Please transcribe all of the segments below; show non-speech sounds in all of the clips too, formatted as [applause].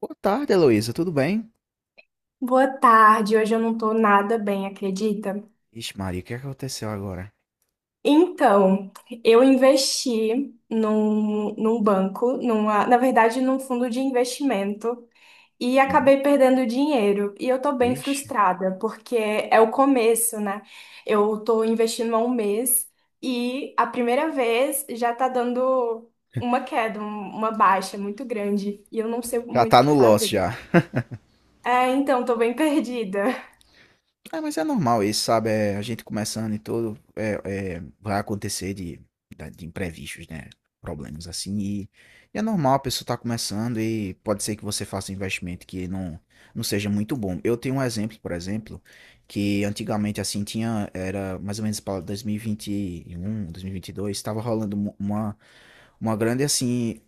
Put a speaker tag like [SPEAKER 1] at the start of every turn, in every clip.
[SPEAKER 1] Boa tarde, Heloísa, tudo bem?
[SPEAKER 2] Boa tarde, hoje eu não tô nada bem, acredita?
[SPEAKER 1] Ixi, Maria, o que aconteceu agora?
[SPEAKER 2] Então, eu investi num banco, na verdade, num fundo de investimento e
[SPEAKER 1] Hum,
[SPEAKER 2] acabei perdendo dinheiro. E eu tô bem
[SPEAKER 1] Ixi.
[SPEAKER 2] frustrada, porque é o começo, né? Eu tô investindo há um mês e a primeira vez já tá dando uma queda, uma baixa muito grande e eu não sei
[SPEAKER 1] Já
[SPEAKER 2] muito o
[SPEAKER 1] tá
[SPEAKER 2] que
[SPEAKER 1] no loss
[SPEAKER 2] fazer.
[SPEAKER 1] já.
[SPEAKER 2] É, então, tô bem [laughs] perdida.
[SPEAKER 1] É, mas é normal isso, sabe? É, a gente começando e tudo, vai acontecer de imprevistos, né? Problemas assim. E é normal, a pessoa tá começando e pode ser que você faça um investimento que não seja muito bom. Eu tenho um exemplo, por exemplo, que antigamente assim tinha, era mais ou menos para dois mil e vinte e um, dois mil e vinte um, e dois. Estava rolando uma grande assim,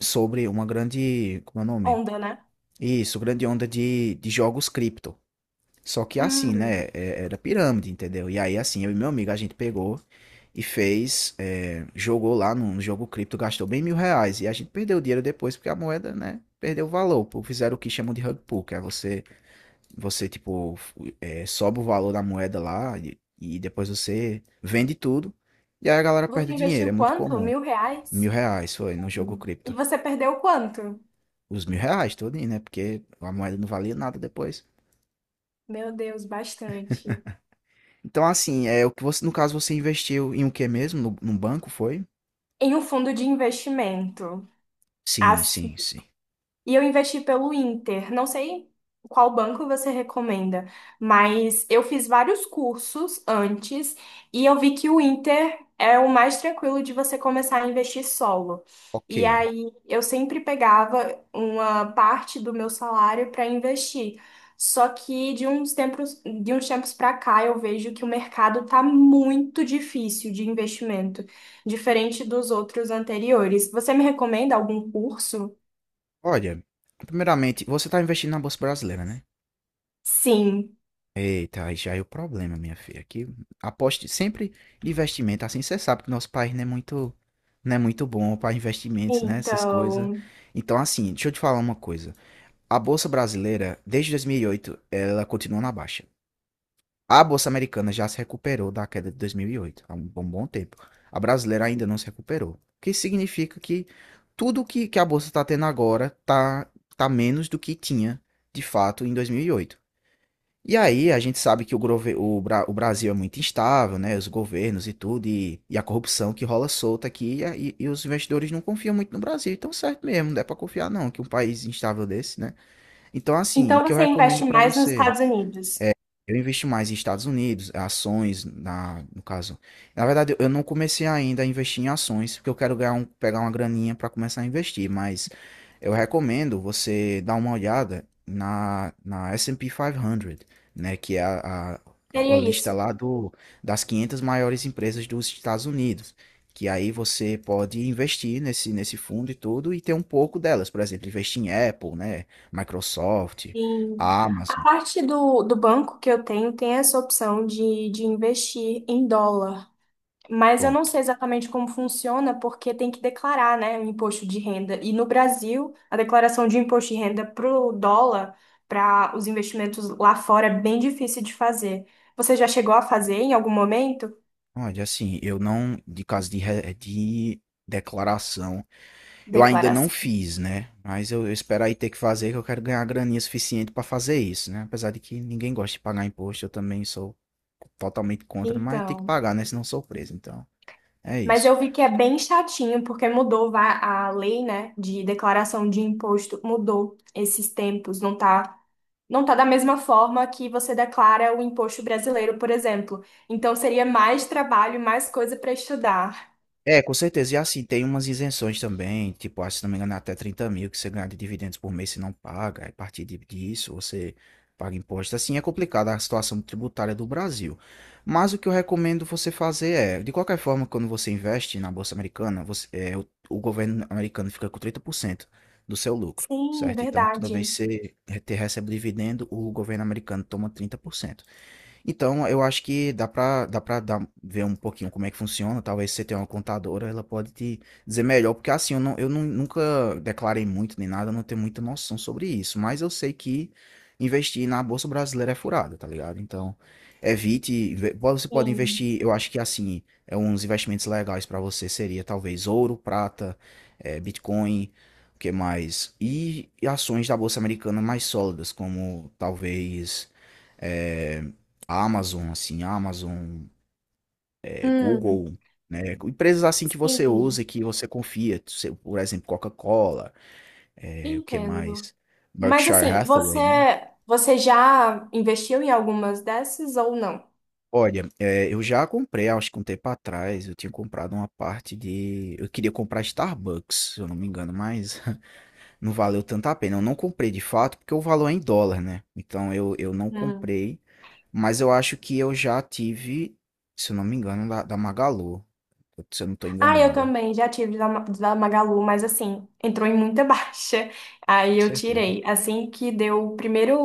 [SPEAKER 1] sobre uma grande, como é o nome?
[SPEAKER 2] Onda, né?
[SPEAKER 1] Isso, grande onda de jogos cripto. Só que assim, né?
[SPEAKER 2] Hum.
[SPEAKER 1] Era pirâmide, entendeu? E aí, assim, eu e meu amigo, a gente pegou e fez, jogou lá no jogo cripto, gastou bem R$ 1.000. E a gente perdeu o dinheiro depois, porque a moeda, né? Perdeu o valor. Pô, fizeram o que chamam de rug pull, que é você, tipo, sobe o valor da moeda lá e depois você vende tudo. E aí a galera perde
[SPEAKER 2] Você
[SPEAKER 1] o dinheiro, é
[SPEAKER 2] investiu
[SPEAKER 1] muito
[SPEAKER 2] quanto?
[SPEAKER 1] comum.
[SPEAKER 2] Mil
[SPEAKER 1] Mil
[SPEAKER 2] reais?
[SPEAKER 1] reais foi no jogo
[SPEAKER 2] E
[SPEAKER 1] cripto.
[SPEAKER 2] você perdeu quanto?
[SPEAKER 1] Os R$ 1.000 todinho, né? Porque a moeda não valia nada depois.
[SPEAKER 2] Meu Deus, bastante.
[SPEAKER 1] Então, assim, é o que você, no caso, você investiu em o que mesmo? No, Num banco, foi?
[SPEAKER 2] Em um fundo de investimento.
[SPEAKER 1] Sim,
[SPEAKER 2] As
[SPEAKER 1] sim, sim.
[SPEAKER 2] E eu investi pelo Inter. Não sei qual banco você recomenda, mas eu fiz vários cursos antes e eu vi que o Inter é o mais tranquilo de você começar a investir solo.
[SPEAKER 1] Ok.
[SPEAKER 2] E aí eu sempre pegava uma parte do meu salário para investir. Só que de uns tempos para cá eu vejo que o mercado tá muito difícil de investimento, diferente dos outros anteriores. Você me recomenda algum curso?
[SPEAKER 1] Olha, primeiramente, você tá investindo na Bolsa Brasileira, né?
[SPEAKER 2] Sim.
[SPEAKER 1] Eita, aí já é o problema, minha filha. Aqui, aposte sempre em investimento. Assim, você sabe que nosso país não é muito bom para investimentos, né? Essas coisas.
[SPEAKER 2] Então,
[SPEAKER 1] Então, assim, deixa eu te falar uma coisa. A Bolsa Brasileira, desde 2008, ela continua na baixa. A Bolsa Americana já se recuperou da queda de 2008, há um bom, bom tempo. A brasileira ainda não se recuperou. O que significa que tudo que a Bolsa está tendo agora está tá menos do que tinha, de fato, em 2008. E oito. E aí a gente sabe que o Brasil é muito instável, né? Os governos e tudo, e a corrupção que rola solta aqui, e os investidores não confiam muito no Brasil. Então, certo mesmo, não é para confiar não, que um país instável desse, né? Então, assim, o
[SPEAKER 2] então
[SPEAKER 1] que eu
[SPEAKER 2] você investe
[SPEAKER 1] recomendo para
[SPEAKER 2] mais nos
[SPEAKER 1] você...
[SPEAKER 2] Estados Unidos.
[SPEAKER 1] Eu investi mais em Estados Unidos, ações, no caso. Na verdade, eu não comecei ainda a investir em ações, porque eu quero ganhar pegar uma graninha para começar a investir, mas eu recomendo você dar uma olhada na S&P 500, né, que é a, a,
[SPEAKER 2] Seria
[SPEAKER 1] a lista
[SPEAKER 2] isso.
[SPEAKER 1] lá do, das 500 maiores empresas dos Estados Unidos, que aí você pode investir nesse fundo e tudo e ter um pouco delas, por exemplo, investir em Apple, né, Microsoft,
[SPEAKER 2] Sim. A
[SPEAKER 1] Amazon,
[SPEAKER 2] parte do banco que eu tenho tem essa opção de investir em dólar. Mas eu não sei
[SPEAKER 1] pronto.
[SPEAKER 2] exatamente como funciona, porque tem que declarar, né, o imposto de renda. E no Brasil, a declaração de imposto de renda para o dólar, para os investimentos lá fora, é bem difícil de fazer. Você já chegou a fazer em algum momento?
[SPEAKER 1] Olha, assim, eu não, de caso de declaração, eu ainda não
[SPEAKER 2] Declaração.
[SPEAKER 1] fiz, né? Mas eu espero aí ter que fazer, que eu quero ganhar graninha suficiente pra fazer isso, né? Apesar de que ninguém gosta de pagar imposto, eu também sou totalmente contra, mas tem que
[SPEAKER 2] Então.
[SPEAKER 1] pagar, né? Senão eu sou preso, então é
[SPEAKER 2] Mas
[SPEAKER 1] isso.
[SPEAKER 2] eu vi que é bem chatinho, porque mudou a lei, né, de declaração de imposto, mudou esses tempos, não tá da mesma forma que você declara o imposto brasileiro, por exemplo. Então seria mais trabalho, mais coisa para estudar.
[SPEAKER 1] É, com certeza. E assim, tem umas isenções também, tipo, acho, se não me engano, é até 30.000 que você ganha de dividendos por mês se não paga. Aí, a partir disso, você paga imposto. Assim, é complicada a situação tributária do Brasil. Mas o que eu recomendo você fazer é, de qualquer forma, quando você investe na Bolsa Americana, você, o governo americano fica com 30% do seu lucro,
[SPEAKER 2] Sim,
[SPEAKER 1] certo? Então, toda vez
[SPEAKER 2] verdade.
[SPEAKER 1] que você te recebe dividendo, o governo americano toma 30%. Então, eu acho que dá pra, ver um pouquinho como é que funciona. Talvez você tenha uma contadora, ela pode te dizer melhor, porque assim, eu, não, eu nunca declarei muito nem nada, eu não tenho muita noção sobre isso, mas eu sei que investir na Bolsa Brasileira é furada, tá ligado? Então, evite, você pode
[SPEAKER 2] Sim.
[SPEAKER 1] investir, eu acho que assim, é uns investimentos legais pra você seria talvez ouro, prata, Bitcoin, o que mais? E ações da Bolsa Americana mais sólidas, como talvez, eh, Amazon, assim, Amazon,
[SPEAKER 2] Hum,
[SPEAKER 1] Google, né, empresas assim que você
[SPEAKER 2] sim,
[SPEAKER 1] usa e que você confia, se por exemplo, Coca-Cola, o que
[SPEAKER 2] entendo.
[SPEAKER 1] mais?
[SPEAKER 2] Mas
[SPEAKER 1] Berkshire
[SPEAKER 2] assim, você,
[SPEAKER 1] Hathaway, né.
[SPEAKER 2] você já investiu em algumas dessas ou não?
[SPEAKER 1] Olha, eu já comprei, acho que um tempo atrás, eu tinha comprado uma parte de eu queria comprar Starbucks, se eu não me engano, mas [laughs] não valeu tanto a pena. Eu não comprei de fato, porque o valor é em dólar, né, então eu não comprei, mas eu acho que eu já tive, se eu não me engano, da Magalu, se eu não estou
[SPEAKER 2] Ah, eu
[SPEAKER 1] enganado.
[SPEAKER 2] também já tive da Magalu, mas assim, entrou em muita [laughs] baixa. Aí
[SPEAKER 1] Com
[SPEAKER 2] eu
[SPEAKER 1] certeza.
[SPEAKER 2] tirei. Assim que deu o primeiro,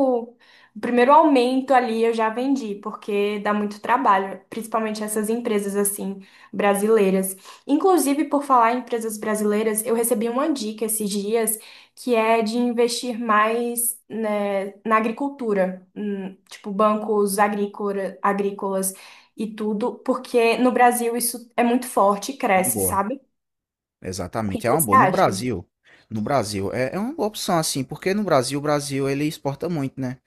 [SPEAKER 2] o primeiro aumento ali, eu já vendi, porque dá muito trabalho, principalmente essas empresas assim, brasileiras. Inclusive, por falar em empresas brasileiras, eu recebi uma dica esses dias que é de investir mais, né, na agricultura, tipo bancos agrícolas e tudo, porque no Brasil isso é muito forte e
[SPEAKER 1] É uma
[SPEAKER 2] cresce,
[SPEAKER 1] boa.
[SPEAKER 2] sabe? O que
[SPEAKER 1] Exatamente, é uma
[SPEAKER 2] você
[SPEAKER 1] boa. No
[SPEAKER 2] acha?
[SPEAKER 1] Brasil, no Brasil, é uma boa opção, assim, porque no Brasil, o Brasil, ele exporta muito, né?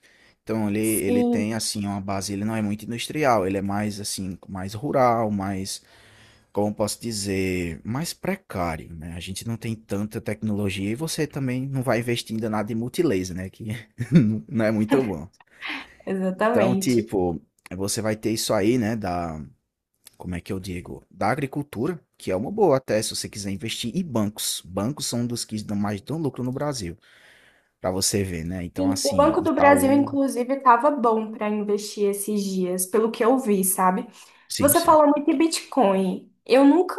[SPEAKER 1] Então, ele tem,
[SPEAKER 2] Sim,
[SPEAKER 1] assim, uma base, ele não é muito industrial, ele é mais, assim, mais rural, mais, como eu posso dizer, mais precário, né? A gente não tem tanta tecnologia e você também não vai investir ainda nada em multilaser, né? Que [laughs] não é muito bom. Então,
[SPEAKER 2] exatamente.
[SPEAKER 1] tipo, você vai ter isso aí, né, como é que eu digo? Da agricultura, que é uma boa até se você quiser investir, e bancos. Bancos são um dos que dão mais dão lucro no Brasil, para você ver, né? Então,
[SPEAKER 2] Sim, o
[SPEAKER 1] assim,
[SPEAKER 2] Banco do Brasil,
[SPEAKER 1] Itaú,
[SPEAKER 2] inclusive, estava bom para investir esses dias, pelo que eu vi, sabe?
[SPEAKER 1] sim,
[SPEAKER 2] Você
[SPEAKER 1] sim,
[SPEAKER 2] fala muito de Bitcoin. Eu nunca,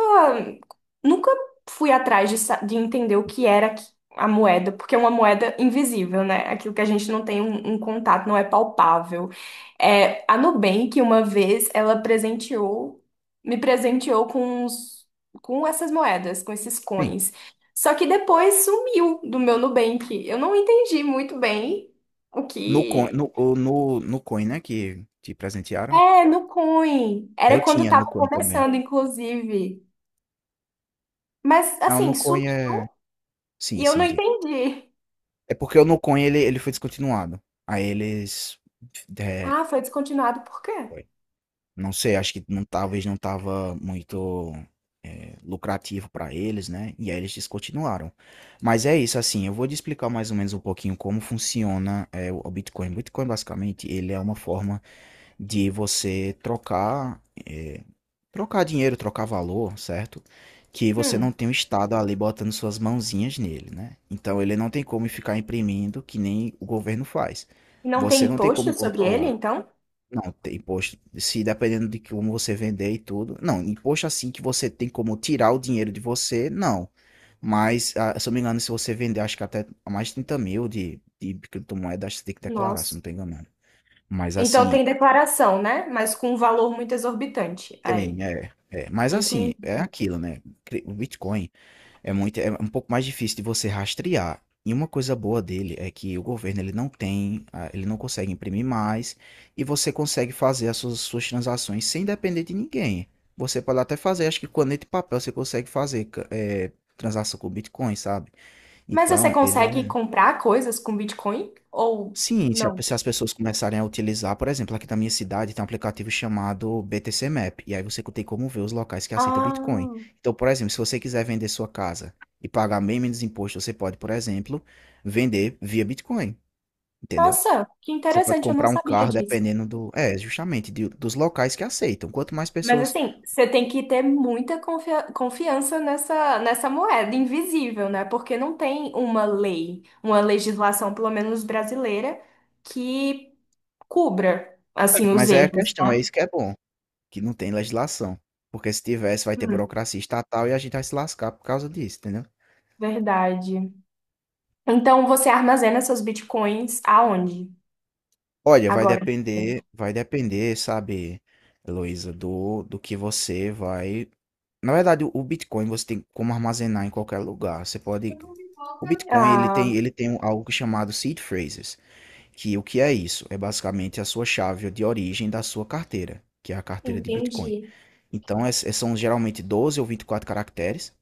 [SPEAKER 2] nunca fui atrás de entender o que era a moeda, porque é uma moeda invisível, né? Aquilo que a gente não tem um contato, não é palpável. É, a Nubank, uma vez, me presenteou com essas moedas, com esses
[SPEAKER 1] sim.
[SPEAKER 2] coins. Só que depois sumiu do meu Nubank. Eu não entendi muito bem o
[SPEAKER 1] No coin, no,
[SPEAKER 2] que.
[SPEAKER 1] o- no, no coin, né, que te presentearam,
[SPEAKER 2] É, no coin.
[SPEAKER 1] eu
[SPEAKER 2] Era quando
[SPEAKER 1] tinha
[SPEAKER 2] tava
[SPEAKER 1] no coin também.
[SPEAKER 2] começando, inclusive. Mas
[SPEAKER 1] Não, no
[SPEAKER 2] assim, sumiu
[SPEAKER 1] coin é, sim,
[SPEAKER 2] e eu não
[SPEAKER 1] sim, digo.
[SPEAKER 2] entendi.
[SPEAKER 1] É porque o no coin ele foi descontinuado. Aí eles, é,
[SPEAKER 2] Ah, foi descontinuado por quê?
[SPEAKER 1] não sei, acho que não, talvez não estava muito lucrativo para eles, né? E aí eles descontinuaram. Mas é isso, assim, eu vou te explicar mais ou menos um pouquinho como funciona o Bitcoin. O Bitcoin, basicamente, ele é uma forma de você trocar, trocar dinheiro, trocar valor, certo? Que você não
[SPEAKER 2] Hum.
[SPEAKER 1] tem o Estado ali botando suas mãozinhas nele, né? Então ele não tem como ficar imprimindo que nem o governo faz.
[SPEAKER 2] E não tem
[SPEAKER 1] Você não tem como
[SPEAKER 2] imposto sobre ele,
[SPEAKER 1] controlar.
[SPEAKER 2] então?
[SPEAKER 1] Não, tem imposto. Se dependendo de como você vender e tudo. Não, imposto assim que você tem como tirar o dinheiro de você, não. Mas, se eu me engano, se você vender, acho que até mais de 30.000 de criptomoeda, acho que você tem que declarar, se eu
[SPEAKER 2] Nossa.
[SPEAKER 1] não tô enganado. Mas
[SPEAKER 2] Então
[SPEAKER 1] assim,
[SPEAKER 2] tem declaração, né? Mas com um valor muito exorbitante. Aí.
[SPEAKER 1] tem, é, é. Mas assim,
[SPEAKER 2] Entendi.
[SPEAKER 1] é aquilo, né? O Bitcoin. É um pouco mais difícil de você rastrear. E uma coisa boa dele é que o governo ele não tem, ele não consegue imprimir mais e você consegue fazer as suas transações sem depender de ninguém. Você pode até fazer, acho que caneta e papel você consegue fazer transação com Bitcoin, sabe?
[SPEAKER 2] Mas você
[SPEAKER 1] Então ele
[SPEAKER 2] consegue
[SPEAKER 1] é.
[SPEAKER 2] comprar coisas com Bitcoin ou
[SPEAKER 1] Sim, se a
[SPEAKER 2] não?
[SPEAKER 1] se as pessoas começarem a utilizar, por exemplo, aqui na minha cidade tem um aplicativo chamado BTC Map, e aí você tem como ver os locais que aceitam Bitcoin.
[SPEAKER 2] Ah,
[SPEAKER 1] Então, por exemplo, se você quiser vender sua casa e pagar bem menos imposto, você pode, por exemplo, vender via Bitcoin, entendeu?
[SPEAKER 2] nossa, que
[SPEAKER 1] Você pode
[SPEAKER 2] interessante, eu não
[SPEAKER 1] comprar um
[SPEAKER 2] sabia
[SPEAKER 1] carro
[SPEAKER 2] disso.
[SPEAKER 1] dependendo do, justamente dos locais que aceitam. Quanto mais
[SPEAKER 2] Mas
[SPEAKER 1] pessoas,
[SPEAKER 2] assim, você tem que ter muita confiança nessa moeda invisível, né? Porque não tem uma lei, uma legislação, pelo menos brasileira, que cubra, assim, os
[SPEAKER 1] mas aí a
[SPEAKER 2] erros,
[SPEAKER 1] questão é
[SPEAKER 2] né?
[SPEAKER 1] isso que é bom, que não tem legislação, porque se tivesse vai ter
[SPEAKER 2] Hum,
[SPEAKER 1] burocracia estatal e a gente vai se lascar por causa disso, entendeu?
[SPEAKER 2] verdade. Então, você armazena seus bitcoins aonde?
[SPEAKER 1] Olha,
[SPEAKER 2] Agora.
[SPEAKER 1] vai depender, sabe, Heloísa, do que você vai. Na verdade, o Bitcoin você tem como armazenar em qualquer lugar. Você pode. O Bitcoin ele tem,
[SPEAKER 2] Ah,
[SPEAKER 1] algo chamado seed phrases, que o que é isso? É basicamente a sua chave de origem da sua carteira, que é a carteira de Bitcoin.
[SPEAKER 2] entendi.
[SPEAKER 1] Então, são geralmente 12 ou 24 caracteres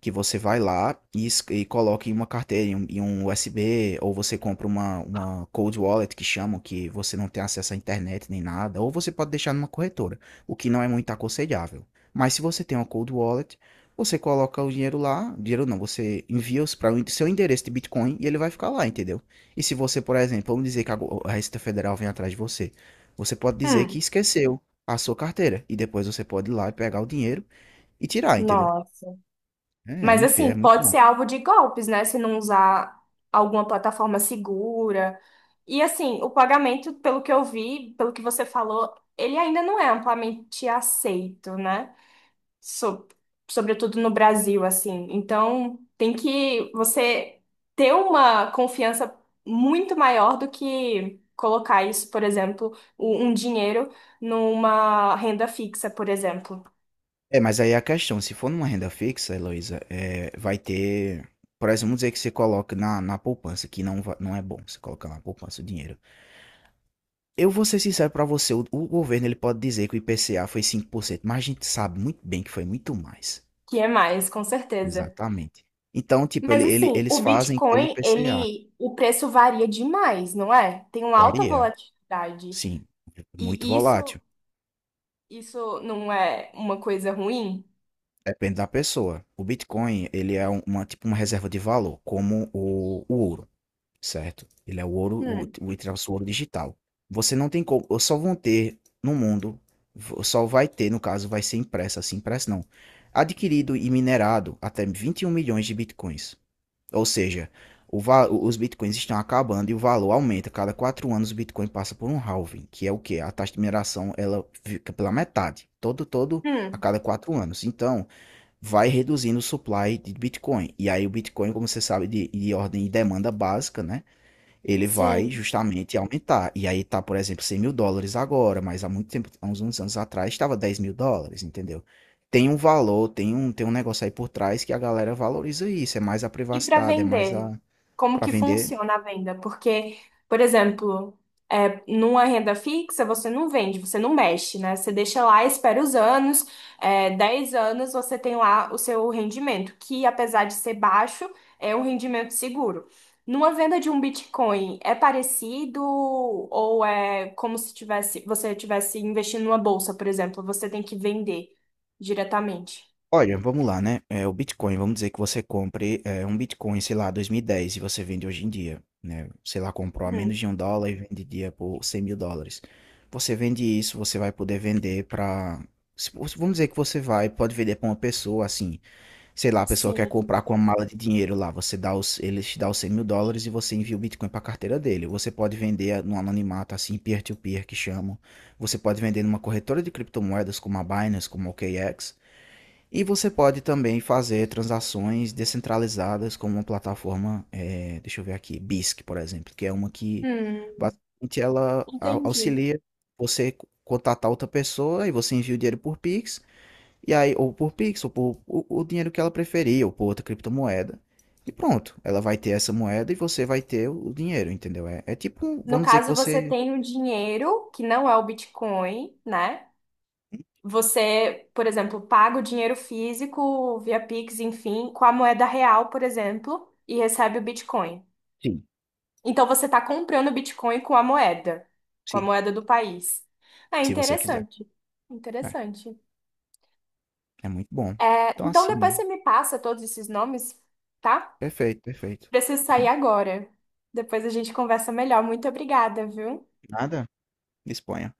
[SPEAKER 1] que você vai lá e coloca em uma carteira, em um, USB, ou você compra uma, cold wallet que chamam, que você não tem acesso à internet nem nada, ou você pode deixar numa corretora, o que não é muito aconselhável. Mas se você tem uma cold wallet, você coloca o dinheiro lá, dinheiro não, você envia os para o seu endereço de Bitcoin e ele vai ficar lá, entendeu? E se você, por exemplo, vamos dizer que a Receita Federal vem atrás de você, você pode dizer que
[SPEAKER 2] Hum,
[SPEAKER 1] esqueceu a sua carteira. E depois você pode ir lá e pegar o dinheiro e tirar, entendeu?
[SPEAKER 2] nossa.
[SPEAKER 1] É,
[SPEAKER 2] Mas
[SPEAKER 1] minha filha, é
[SPEAKER 2] assim,
[SPEAKER 1] muito
[SPEAKER 2] pode
[SPEAKER 1] bom.
[SPEAKER 2] ser alvo de golpes, né? Se não usar alguma plataforma segura. E assim, o pagamento, pelo que eu vi, pelo que você falou, ele ainda não é amplamente aceito, né? So- Sobretudo no Brasil, assim. Então, tem que você ter uma confiança muito maior do que colocar isso, por exemplo, um dinheiro numa renda fixa, por exemplo,
[SPEAKER 1] É, mas aí é a questão, se for numa renda fixa, Heloísa, vai ter. Por exemplo, vamos dizer que você coloca na poupança, que não, não é bom você colocar na poupança o dinheiro. Eu vou ser sincero pra você, o governo ele pode dizer que o IPCA foi 5% mas a gente sabe muito bem que foi muito mais.
[SPEAKER 2] que é mais, com certeza.
[SPEAKER 1] Exatamente. Então, tipo,
[SPEAKER 2] Mas
[SPEAKER 1] ele, ele-
[SPEAKER 2] assim,
[SPEAKER 1] eles
[SPEAKER 2] o
[SPEAKER 1] fazem pelo
[SPEAKER 2] Bitcoin,
[SPEAKER 1] IPCA.
[SPEAKER 2] o preço varia demais, não é? Tem uma alta
[SPEAKER 1] Varia,
[SPEAKER 2] volatilidade.
[SPEAKER 1] sim. Muito
[SPEAKER 2] E isso
[SPEAKER 1] volátil.
[SPEAKER 2] Isso não é uma coisa ruim?
[SPEAKER 1] Depende da pessoa. O Bitcoin, ele é uma, tipo uma reserva de valor, como o ouro, certo? Ele é o ouro,
[SPEAKER 2] Hum,
[SPEAKER 1] entre aspas, o ouro digital. Você não tem como, só vão ter no mundo, só vai ter, no caso, vai ser impressa, assim, impressa não. Adquirido e minerado até 21 milhões de Bitcoins. Ou seja, os Bitcoins estão acabando e o valor aumenta. Cada 4 anos o Bitcoin passa por um halving, que é o quê? A taxa de mineração, ela fica pela metade. Todo, todo, a
[SPEAKER 2] hum,
[SPEAKER 1] cada 4 anos. Então, vai reduzindo o supply de Bitcoin. E aí o Bitcoin, como você sabe, de ordem de demanda básica, né? Ele vai
[SPEAKER 2] sim.
[SPEAKER 1] justamente aumentar. E aí tá, por exemplo, US$ 100.000 agora, mas há muito tempo, há uns anos atrás, estava US$ 10.000, entendeu? Tem um valor, tem um negócio aí por trás que a galera valoriza isso. É mais a
[SPEAKER 2] E para
[SPEAKER 1] privacidade, é mais
[SPEAKER 2] vender,
[SPEAKER 1] a.
[SPEAKER 2] como
[SPEAKER 1] Para
[SPEAKER 2] que
[SPEAKER 1] vender.
[SPEAKER 2] funciona a venda? Porque, por exemplo, numa renda fixa você não vende, você não mexe, né? Você deixa lá, espera os anos, 10 anos você tem lá o seu rendimento, que apesar de ser baixo, é um rendimento seguro. Numa venda de um Bitcoin, é parecido ou é como se você tivesse investindo numa bolsa, por exemplo, você tem que vender diretamente?
[SPEAKER 1] Olha, vamos lá, né? É, o Bitcoin, vamos dizer que você compre um Bitcoin, sei lá, 2010 e dez e você vende hoje em dia, né? Sei lá, comprou a menos
[SPEAKER 2] Hum,
[SPEAKER 1] de US$ 1 e vende dia por US$ 100.000. Você vende isso, você vai poder vender para. Vamos dizer que você vai, pode vender para uma pessoa, assim, sei lá, a pessoa quer
[SPEAKER 2] sim.
[SPEAKER 1] comprar com uma mala de dinheiro lá, você dá os, ele te dá os US$ 100.000 e você envia o Bitcoin para a carteira dele. Você pode vender no anonimato, assim, peer-to-peer, que chamam. Você pode vender numa corretora de criptomoedas como a Binance, como a OKX. E você pode também fazer transações descentralizadas como uma plataforma, deixa eu ver aqui, BISC, por exemplo, que é uma que
[SPEAKER 2] Hum,
[SPEAKER 1] basicamente ela
[SPEAKER 2] entendi.
[SPEAKER 1] auxilia você contatar outra pessoa e você envia o dinheiro por Pix, e aí, ou por Pix, ou por o dinheiro que ela preferir, ou por outra criptomoeda. E pronto, ela vai ter essa moeda e você vai ter o dinheiro, entendeu? É tipo,
[SPEAKER 2] No
[SPEAKER 1] vamos dizer que
[SPEAKER 2] caso, você
[SPEAKER 1] você.
[SPEAKER 2] tem o dinheiro, que não é o Bitcoin, né? Você, por exemplo, paga o dinheiro físico via Pix, enfim, com a moeda real, por exemplo, e recebe o Bitcoin.
[SPEAKER 1] Sim,
[SPEAKER 2] Então você está comprando Bitcoin com a moeda, com a
[SPEAKER 1] sim,
[SPEAKER 2] moeda do país. É
[SPEAKER 1] se você quiser.
[SPEAKER 2] interessante.
[SPEAKER 1] É,
[SPEAKER 2] Interessante.
[SPEAKER 1] é muito bom.
[SPEAKER 2] É,
[SPEAKER 1] Então,
[SPEAKER 2] então depois
[SPEAKER 1] assim,
[SPEAKER 2] você me passa todos esses nomes, tá?
[SPEAKER 1] perfeito, perfeito.
[SPEAKER 2] Preciso sair
[SPEAKER 1] Uhum.
[SPEAKER 2] agora. Depois a gente conversa melhor. Muito obrigada, viu?
[SPEAKER 1] Nada. Disponha.